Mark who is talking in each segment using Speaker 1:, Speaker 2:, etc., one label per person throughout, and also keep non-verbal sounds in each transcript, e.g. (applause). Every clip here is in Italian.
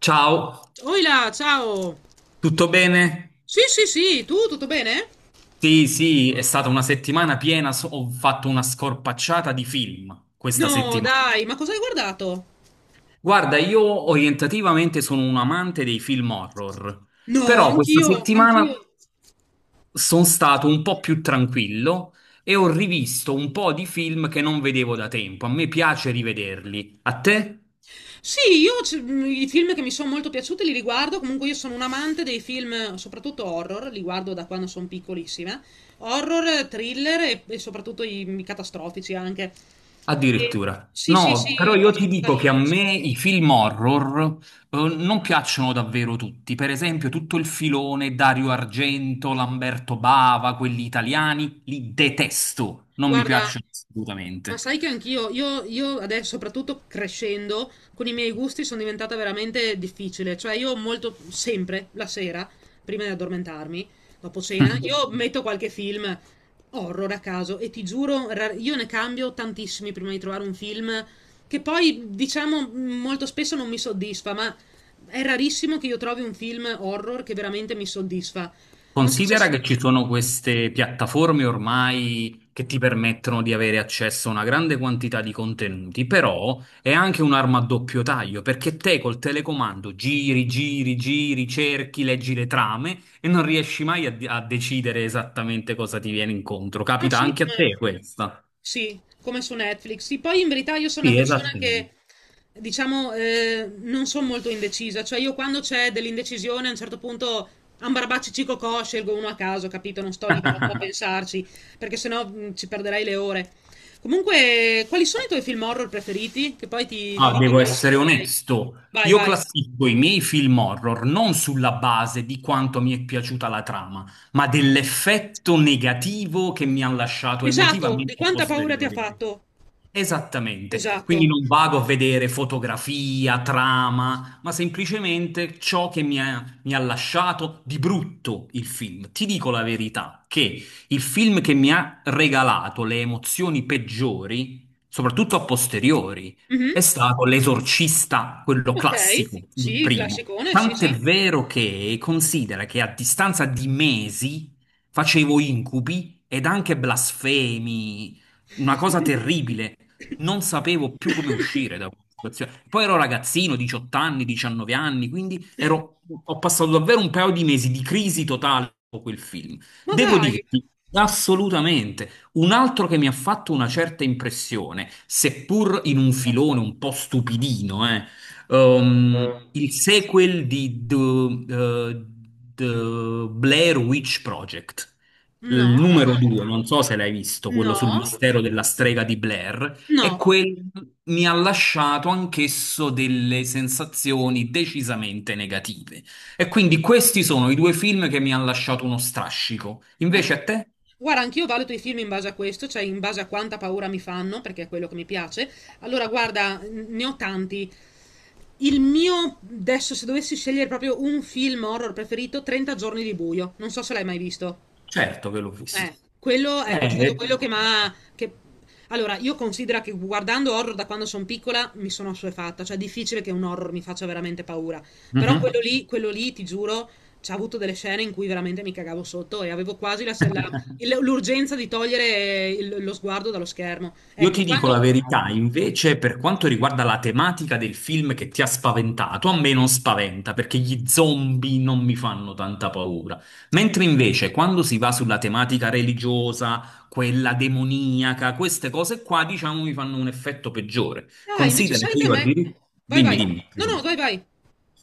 Speaker 1: Ciao,
Speaker 2: Oila, ciao!
Speaker 1: tutto bene?
Speaker 2: Sì, sì, sì, tu tutto bene?
Speaker 1: Sì, sì, è stata una settimana piena, ho fatto una scorpacciata di film questa
Speaker 2: No,
Speaker 1: settimana.
Speaker 2: dai, ma cosa hai guardato?
Speaker 1: Guarda, io orientativamente sono un amante dei film horror,
Speaker 2: No,
Speaker 1: però questa
Speaker 2: anch'io, anch'io.
Speaker 1: settimana sono stato un po' più tranquillo e ho rivisto un po' di film che non vedevo da tempo. A me piace rivederli. A te?
Speaker 2: Sì, io i film che mi sono molto piaciuti li riguardo, comunque io sono un amante dei film, soprattutto horror, li guardo da quando sono piccolissima. Horror, thriller e soprattutto i catastrofici anche. E-
Speaker 1: Addirittura.
Speaker 2: sì, sì, sì,
Speaker 1: No, però
Speaker 2: i
Speaker 1: io ti dico che a
Speaker 2: post-apocalittici.
Speaker 1: me i film horror non piacciono davvero tutti. Per esempio, tutto il filone Dario Argento, Lamberto Bava, quelli italiani, li detesto. Non mi
Speaker 2: Guarda,
Speaker 1: piacciono
Speaker 2: ma
Speaker 1: assolutamente.
Speaker 2: sai che anch'io, io adesso, soprattutto crescendo, con i miei gusti sono diventata veramente difficile. Cioè, io molto, sempre, la sera, prima di addormentarmi, dopo cena, io metto qualche film horror a caso e ti giuro, io ne cambio tantissimi prima di trovare un film che poi, diciamo, molto spesso non mi soddisfa, ma è rarissimo che io trovi un film horror che veramente mi soddisfa. Non so se...
Speaker 1: Considera che ci sono queste piattaforme ormai che ti permettono di avere accesso a una grande quantità di contenuti, però è anche un'arma a doppio taglio, perché te col telecomando giri, giri, giri, cerchi, leggi le trame e non riesci mai a decidere esattamente cosa ti viene incontro.
Speaker 2: Ah
Speaker 1: Capita
Speaker 2: sì,
Speaker 1: anche a
Speaker 2: come
Speaker 1: te questa?
Speaker 2: sì, come su Netflix. Sì, poi in verità io sono una
Speaker 1: Sì,
Speaker 2: persona che,
Speaker 1: esattamente.
Speaker 2: diciamo, non sono molto indecisa. Cioè io quando c'è dell'indecisione a un certo punto ambarbacci cicocò, scelgo uno a caso, capito? Non sto lì troppo a
Speaker 1: (laughs)
Speaker 2: pensarci, perché sennò ci perderei le ore. Comunque, quali sono i tuoi film horror preferiti? Che poi ti
Speaker 1: Ah,
Speaker 2: dico
Speaker 1: devo
Speaker 2: quali sono
Speaker 1: essere
Speaker 2: i miei.
Speaker 1: onesto,
Speaker 2: Vai,
Speaker 1: io
Speaker 2: vai.
Speaker 1: classifico i miei film horror non sulla base di quanto mi è piaciuta la trama, ma dell'effetto negativo che mi ha lasciato
Speaker 2: Esatto, di
Speaker 1: emotivamente a
Speaker 2: quanta paura ti ha
Speaker 1: posteriori.
Speaker 2: fatto?
Speaker 1: Esattamente, quindi
Speaker 2: Esatto.
Speaker 1: non vado a vedere fotografia, trama, ma semplicemente ciò che mi ha lasciato di brutto il film. Ti dico la verità, che il film che mi ha regalato le emozioni peggiori, soprattutto a posteriori, è
Speaker 2: Mhm.
Speaker 1: stato L'Esorcista, quello
Speaker 2: Ok,
Speaker 1: classico, il
Speaker 2: sì, il
Speaker 1: primo.
Speaker 2: classicone, sì,
Speaker 1: Tant'è
Speaker 2: sì.
Speaker 1: vero che considera che a distanza di mesi facevo incubi ed anche blasfemi, una cosa terribile. Non sapevo più come uscire da questa situazione. Poi ero ragazzino, 18 anni, 19 anni, quindi ho passato davvero un paio di mesi di crisi totale con quel film.
Speaker 2: Ma
Speaker 1: Devo
Speaker 2: dai,
Speaker 1: dirti, assolutamente, un altro che mi ha fatto una certa impressione, seppur in un filone un po' stupidino, il sequel di eh, The Blair Witch Project.
Speaker 2: no,
Speaker 1: Il numero due, non so se l'hai visto, quello sul
Speaker 2: no,
Speaker 1: mistero della strega di Blair, e
Speaker 2: no.
Speaker 1: quel mi ha lasciato anch'esso delle sensazioni decisamente negative. E quindi questi sono i due film che mi hanno lasciato uno strascico.
Speaker 2: Ma-
Speaker 1: Invece a te?
Speaker 2: Guarda, anch'io valuto i film in base a questo, cioè in base a quanta paura mi fanno, perché è quello che mi piace. Allora, guarda, ne ho tanti. Il mio, adesso, se dovessi scegliere proprio un film horror preferito, 30 giorni di buio. Non so se l'hai mai visto.
Speaker 1: Certo che l'ho visto.
Speaker 2: Eh, quello, ecco, è stato
Speaker 1: Eh,
Speaker 2: quello che mi ha... Allora, io considero che guardando horror da quando sono piccola mi sono assuefatta, cioè è difficile che un horror mi faccia veramente paura. Però quello
Speaker 1: mhm.
Speaker 2: lì, quello lì, ti giuro, c'ha avuto delle scene in cui veramente mi cagavo sotto e avevo quasi la l'urgenza di togliere lo sguardo dallo schermo.
Speaker 1: Io
Speaker 2: Ecco,
Speaker 1: ti dico la
Speaker 2: quando...
Speaker 1: verità, invece, per quanto riguarda la tematica del film che ti ha spaventato, a me non spaventa perché gli zombie non mi fanno tanta paura. Mentre invece, quando si va sulla tematica religiosa, quella demoniaca, queste cose qua, diciamo, mi fanno un effetto peggiore.
Speaker 2: Ah, invece
Speaker 1: Considera
Speaker 2: sai
Speaker 1: che
Speaker 2: che a
Speaker 1: io
Speaker 2: me...
Speaker 1: addirittura...
Speaker 2: Vai,
Speaker 1: Dimmi,
Speaker 2: vai.
Speaker 1: dimmi,
Speaker 2: No,
Speaker 1: scusa.
Speaker 2: no, vai, vai.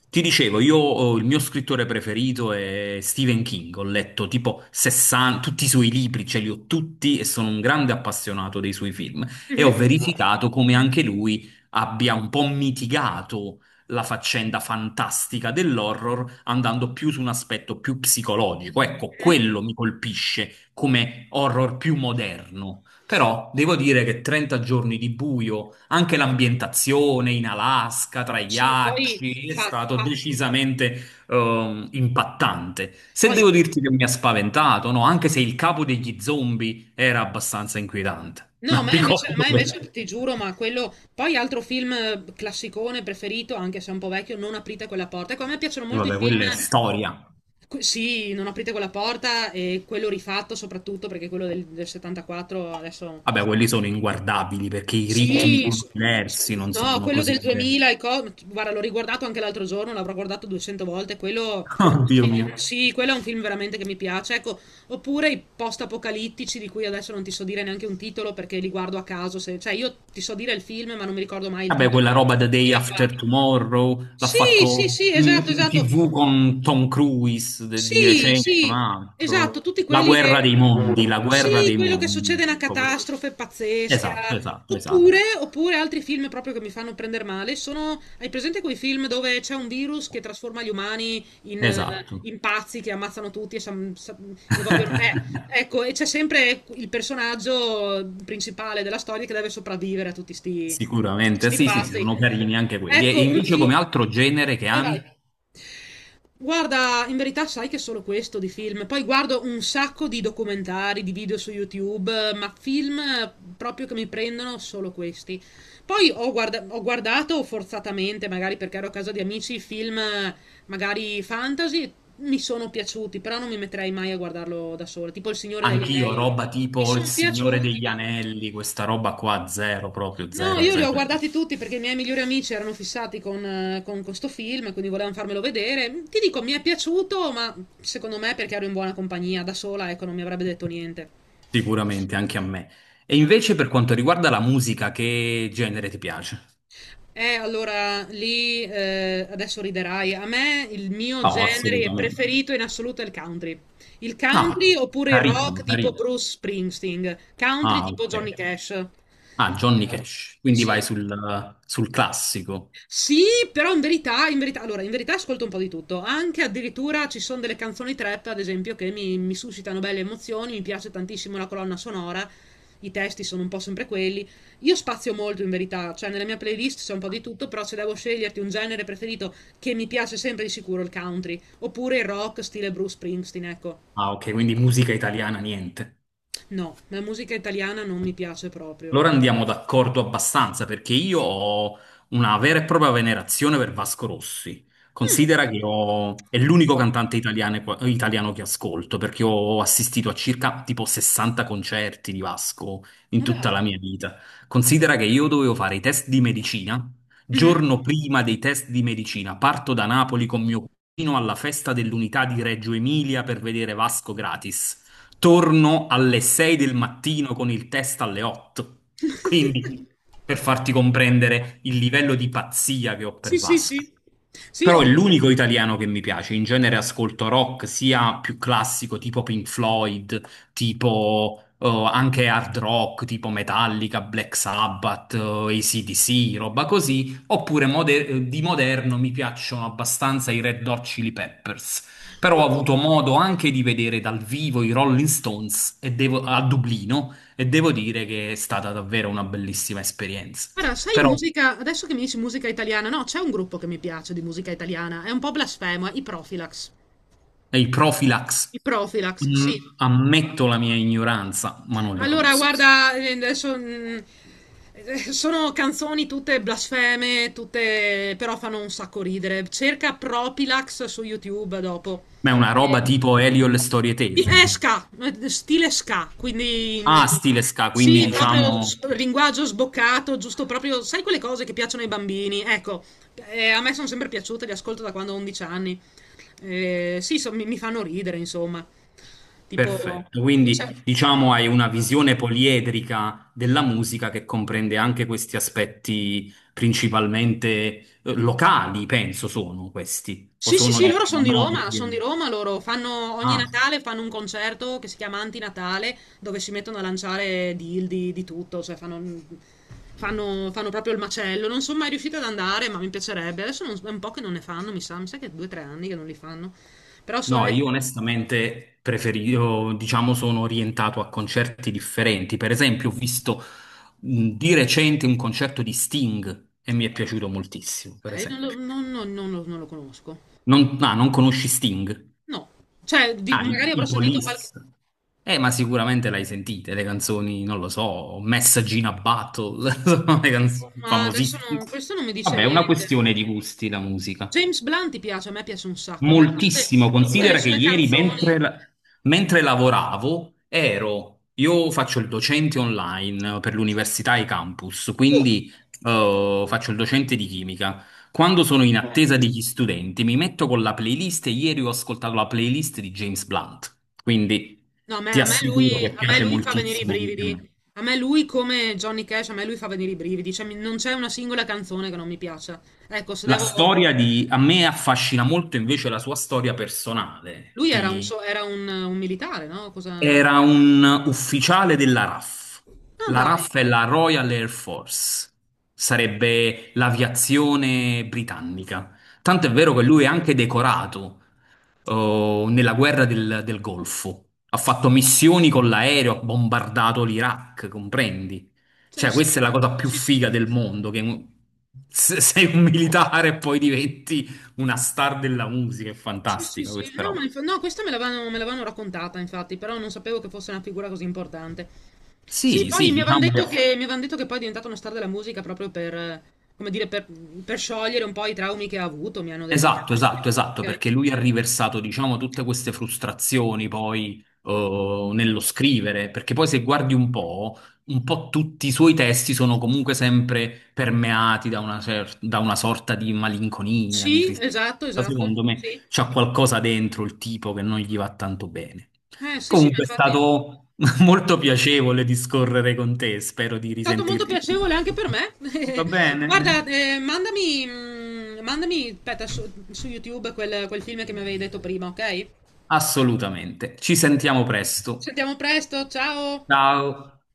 Speaker 1: Ti dicevo, io il mio scrittore preferito è Stephen King, ho letto tipo 60, tutti i suoi libri, ce li ho tutti e sono un grande appassionato dei suoi film e ho
Speaker 2: Mhm,
Speaker 1: verificato come anche lui abbia un po' mitigato la faccenda fantastica dell'horror andando più su un aspetto più psicologico. Ecco,
Speaker 2: mhm.
Speaker 1: quello mi colpisce come horror più moderno. Però devo dire che 30 giorni di buio, anche l'ambientazione in Alaska, tra i
Speaker 2: Sì, poi...
Speaker 1: ghiacci, è
Speaker 2: fa-
Speaker 1: stato
Speaker 2: fa-
Speaker 1: decisamente impattante. Se
Speaker 2: Poi
Speaker 1: devo dirti che mi ha spaventato, no? Anche se il capo degli zombie era abbastanza inquietante. (laughs) Me
Speaker 2: no,
Speaker 1: lo ricordo
Speaker 2: ma
Speaker 1: bene.
Speaker 2: invece ti giuro, ma quello. Poi altro film classicone preferito, anche se è un po' vecchio, Non aprite quella porta. Ecco, a me piacciono
Speaker 1: E
Speaker 2: molto i
Speaker 1: vabbè,
Speaker 2: film.
Speaker 1: quella è storia.
Speaker 2: Sì, Non aprite quella porta e quello rifatto soprattutto perché quello del 74 adesso
Speaker 1: Vabbè, quelli sono inguardabili perché i ritmi
Speaker 2: sì,
Speaker 1: sono diversi, non
Speaker 2: no,
Speaker 1: sono
Speaker 2: quello
Speaker 1: così
Speaker 2: del
Speaker 1: belli.
Speaker 2: 2000, e guarda, l'ho riguardato anche l'altro giorno, l'avrò guardato 200 volte, quello...
Speaker 1: (laughs)
Speaker 2: Sì,
Speaker 1: Oddio mio.
Speaker 2: sì, quello è un film veramente che mi piace. Ecco, oppure i post-apocalittici di cui adesso non ti so dire neanche un titolo perché li guardo a caso. Cioè, io ti so dire il film, ma non mi ricordo mai il
Speaker 1: Vabbè,
Speaker 2: titolo.
Speaker 1: quella roba The
Speaker 2: Chi
Speaker 1: Day
Speaker 2: l'ha
Speaker 1: After
Speaker 2: fatto?
Speaker 1: Tomorrow l'ha
Speaker 2: Sì, sì,
Speaker 1: fatto
Speaker 2: sì,
Speaker 1: in,
Speaker 2: esatto,
Speaker 1: in
Speaker 2: esatto.
Speaker 1: TV con Tom Cruise di
Speaker 2: Sì,
Speaker 1: recente, un
Speaker 2: sì, esatto,
Speaker 1: altro.
Speaker 2: tutti
Speaker 1: La
Speaker 2: quelli
Speaker 1: guerra
Speaker 2: che...
Speaker 1: dei mondi, la guerra
Speaker 2: Sì,
Speaker 1: dei
Speaker 2: quello che
Speaker 1: mondi,
Speaker 2: succede è una
Speaker 1: ecco questo.
Speaker 2: catastrofe pazzesca.
Speaker 1: Esatto, esatto,
Speaker 2: Oppure,
Speaker 1: esatto.
Speaker 2: oppure altri film proprio che mi fanno prendere male sono... Hai presente quei film dove c'è un virus che trasforma gli umani in,
Speaker 1: Esatto.
Speaker 2: in pazzi che ammazzano tutti e, e vogliono...
Speaker 1: (laughs)
Speaker 2: ecco, e c'è sempre il personaggio principale della storia che deve sopravvivere a a tutti
Speaker 1: Sicuramente,
Speaker 2: sti
Speaker 1: sì, sì, sì,
Speaker 2: pazzi.
Speaker 1: sono carini anche quelli. E
Speaker 2: Ecco, un
Speaker 1: invece
Speaker 2: film...
Speaker 1: come altro genere che
Speaker 2: Vai, vai.
Speaker 1: ami?
Speaker 2: Guarda, in verità sai che è solo questo di film. Poi guardo un sacco di documentari, di video su YouTube, ma film proprio che mi prendono solo questi. Poi ho, ho guardato forzatamente, magari perché ero a casa di amici, film magari fantasy, mi sono piaciuti, però non mi metterei mai a guardarlo da sola, tipo Il Signore degli
Speaker 1: Anch'io,
Speaker 2: Anelli.
Speaker 1: roba
Speaker 2: Mi
Speaker 1: tipo Il
Speaker 2: sono
Speaker 1: Signore
Speaker 2: piaciuti,
Speaker 1: degli
Speaker 2: ma...
Speaker 1: Anelli, questa roba qua, zero, proprio
Speaker 2: No,
Speaker 1: zero,
Speaker 2: io li ho
Speaker 1: zero.
Speaker 2: guardati tutti perché i miei migliori amici erano fissati con questo film, quindi volevano farmelo vedere. Ti dico, mi è piaciuto, ma secondo me perché ero in buona compagnia, da sola, ecco, non mi avrebbe detto niente.
Speaker 1: Sicuramente, anche a me. E invece per quanto riguarda la musica, che genere ti piace?
Speaker 2: Allora, lì, adesso riderai. A me il mio
Speaker 1: No,
Speaker 2: genere
Speaker 1: assolutamente.
Speaker 2: preferito in assoluto è il country. Il
Speaker 1: Ah,
Speaker 2: country oppure il rock
Speaker 1: carino,
Speaker 2: tipo
Speaker 1: carino.
Speaker 2: Bruce Springsteen, country
Speaker 1: Ah,
Speaker 2: tipo
Speaker 1: ok.
Speaker 2: Johnny Cash.
Speaker 1: Ah, Johnny Cash. Quindi
Speaker 2: Sì,
Speaker 1: vai sul classico.
Speaker 2: sì, però in verità, allora, in verità ascolto un po' di tutto. Anche addirittura ci sono delle canzoni trap, ad esempio, che mi suscitano belle emozioni. Mi piace tantissimo la colonna sonora. I testi sono un po' sempre quelli. Io spazio molto in verità, cioè nella mia playlist c'è un po' di tutto, però se devo sceglierti un genere preferito che mi piace sempre di sicuro il country, oppure il rock stile Bruce Springsteen, ecco.
Speaker 1: Ah, ok, quindi musica italiana, niente.
Speaker 2: No, la musica italiana non mi piace proprio,
Speaker 1: Allora
Speaker 2: no.
Speaker 1: andiamo d'accordo abbastanza perché io ho una vera e propria venerazione per Vasco Rossi.
Speaker 2: Mm,
Speaker 1: Considera che è l'unico cantante italiano, italiano che ascolto, perché ho assistito a circa tipo 60 concerti di Vasco in
Speaker 2: ma
Speaker 1: tutta
Speaker 2: dai.
Speaker 1: la mia vita. Considera che io dovevo fare i test di medicina.
Speaker 2: Mhm.
Speaker 1: Giorno prima dei test di medicina parto da Napoli con mio cugino alla festa dell'unità di Reggio Emilia per vedere Vasco gratis, torno alle 6 del mattino con il test alle 8.
Speaker 2: (laughs)
Speaker 1: Quindi, per farti comprendere il livello di pazzia che ho per
Speaker 2: Sì, sì,
Speaker 1: Vasco.
Speaker 2: sì. Sì,
Speaker 1: Però
Speaker 2: ho...
Speaker 1: è l'unico italiano che mi piace. In genere ascolto rock sia più classico, tipo Pink Floyd, tipo anche hard rock, tipo Metallica, Black Sabbath, AC/DC, roba così. Oppure di moderno mi piacciono abbastanza i Red Hot Chili Peppers. Però ho avuto modo anche di vedere dal vivo i Rolling Stones e a Dublino, e devo dire che è stata davvero una bellissima esperienza.
Speaker 2: Guarda, sai
Speaker 1: Però
Speaker 2: musica, adesso che mi dici musica italiana, no, c'è un gruppo che mi piace di musica italiana, è un po' blasfemo, i Profilax.
Speaker 1: è il Profilax.
Speaker 2: I Profilax,
Speaker 1: Mm,
Speaker 2: sì.
Speaker 1: ammetto la mia ignoranza, ma non li
Speaker 2: Allora,
Speaker 1: conosco.
Speaker 2: guarda, adesso sono canzoni tutte blasfeme, tutte però fanno un sacco ridere. Cerca Profilax su YouTube dopo.
Speaker 1: Ma è una roba
Speaker 2: Eh,
Speaker 1: tipo Elio e le storie
Speaker 2: Sì, è
Speaker 1: tese.
Speaker 2: ska, stile ska, quindi
Speaker 1: Ah, stile ska, quindi
Speaker 2: sì, proprio
Speaker 1: diciamo,
Speaker 2: linguaggio sboccato, giusto proprio, sai quelle cose che piacciono ai bambini? Ecco, a me sono sempre piaciute, le ascolto da quando ho 11 anni. Sì, mi fanno ridere, insomma. Tipo,
Speaker 1: perfetto.
Speaker 2: tipo c'è
Speaker 1: Quindi diciamo hai una visione poliedrica della musica che comprende anche questi aspetti, principalmente locali, penso sono questi, o
Speaker 2: sì, sì,
Speaker 1: sono
Speaker 2: sì, loro
Speaker 1: diciamo noti.
Speaker 2: sono di
Speaker 1: Eh.
Speaker 2: Roma, loro fanno ogni
Speaker 1: Ah, sì.
Speaker 2: Natale fanno un concerto che si chiama Antinatale, dove si mettono a lanciare dildi di tutto, cioè fanno, fanno proprio il macello. Non sono mai riuscita ad andare, ma mi piacerebbe. Adesso è un po' che non ne fanno, mi sa che è due o tre anni che non li fanno. Però so-
Speaker 1: No, io onestamente preferisco, diciamo, sono orientato a concerti differenti. Per esempio, ho visto di recente un concerto di Sting e mi è piaciuto moltissimo, per
Speaker 2: non, lo
Speaker 1: esempio.
Speaker 2: non- non- non lo- non lo conosco.
Speaker 1: Non, ah, non conosci Sting?
Speaker 2: No, cioè
Speaker 1: Ah,
Speaker 2: magari
Speaker 1: i,
Speaker 2: avrò
Speaker 1: i
Speaker 2: sentito qualche...
Speaker 1: Police. Ma sicuramente l'hai sentite, le canzoni, non lo so, Message in a Battle, (laughs) sono le canzoni
Speaker 2: Ma adesso
Speaker 1: famosissime.
Speaker 2: questo non mi dice
Speaker 1: Vabbè, è una
Speaker 2: niente.
Speaker 1: questione di gusti la musica.
Speaker 2: James Blunt ti piace, a me piace un sacco, a me
Speaker 1: Moltissimo,
Speaker 2: tutte le
Speaker 1: considera che
Speaker 2: sue
Speaker 1: ieri
Speaker 2: canzoni.
Speaker 1: mentre, mentre lavoravo ero, io faccio il docente online per l'università e i campus, quindi faccio il docente di chimica. Quando sono in attesa degli studenti mi metto con la playlist, e ieri ho ascoltato la playlist di James Blunt, quindi
Speaker 2: No, a me,
Speaker 1: ti assicuro che
Speaker 2: a me
Speaker 1: piace
Speaker 2: lui fa venire i
Speaker 1: moltissimo anche a
Speaker 2: brividi.
Speaker 1: me.
Speaker 2: A me lui, come Johnny Cash, a me lui fa venire i brividi. Cioè, non c'è una singola canzone che non mi piaccia. Ecco, se
Speaker 1: La
Speaker 2: devo...
Speaker 1: storia di, a me affascina molto invece la sua storia personale.
Speaker 2: Lui era un, era un militare, no? Cosa...
Speaker 1: Era un ufficiale della RAF.
Speaker 2: Ah,
Speaker 1: La
Speaker 2: dai.
Speaker 1: RAF è la Royal Air Force, sarebbe l'aviazione britannica. Tanto è vero che lui è anche decorato oh, nella guerra del Golfo. Ha fatto missioni con l'aereo, ha bombardato l'Iraq, comprendi?
Speaker 2: Sì,
Speaker 1: Cioè,
Speaker 2: sì,
Speaker 1: questa è la cosa più
Speaker 2: sì, sì.
Speaker 1: figa del mondo, che sei un militare e poi diventi una star della musica, è
Speaker 2: Sì, sì,
Speaker 1: fantastica
Speaker 2: sì.
Speaker 1: questa
Speaker 2: No,
Speaker 1: roba.
Speaker 2: no, questa me l'avevano raccontata, infatti, però non sapevo che fosse una figura così importante. Sì,
Speaker 1: Sì,
Speaker 2: poi
Speaker 1: sì, diciamo che,
Speaker 2: mi avevano detto che poi è diventato una star della musica proprio per, come dire, per sciogliere un po' i traumi che ha avuto, mi hanno detto.
Speaker 1: esatto, esatto, esatto, perché lui ha riversato, diciamo, tutte queste frustrazioni poi nello scrivere, perché poi se guardi un po' tutti i suoi testi sono comunque sempre permeati da una, da una sorta di malinconia, di
Speaker 2: Sì, esatto,
Speaker 1: tristezza.
Speaker 2: esatto,
Speaker 1: Secondo me
Speaker 2: sì.
Speaker 1: c'ha qualcosa dentro il tipo che non gli va tanto bene.
Speaker 2: Sì, sì, ma
Speaker 1: Comunque è
Speaker 2: infatti è
Speaker 1: stato (laughs) molto piacevole discorrere con te, spero di
Speaker 2: stato molto
Speaker 1: risentirti
Speaker 2: piacevole anche
Speaker 1: presto.
Speaker 2: per me. (laughs)
Speaker 1: Va bene?
Speaker 2: Guarda, mandami, mandami, aspetta, su, su YouTube quel film che mi avevi detto prima, ok? Ci
Speaker 1: Assolutamente. Ci sentiamo presto.
Speaker 2: sentiamo presto, ciao!
Speaker 1: Ciao.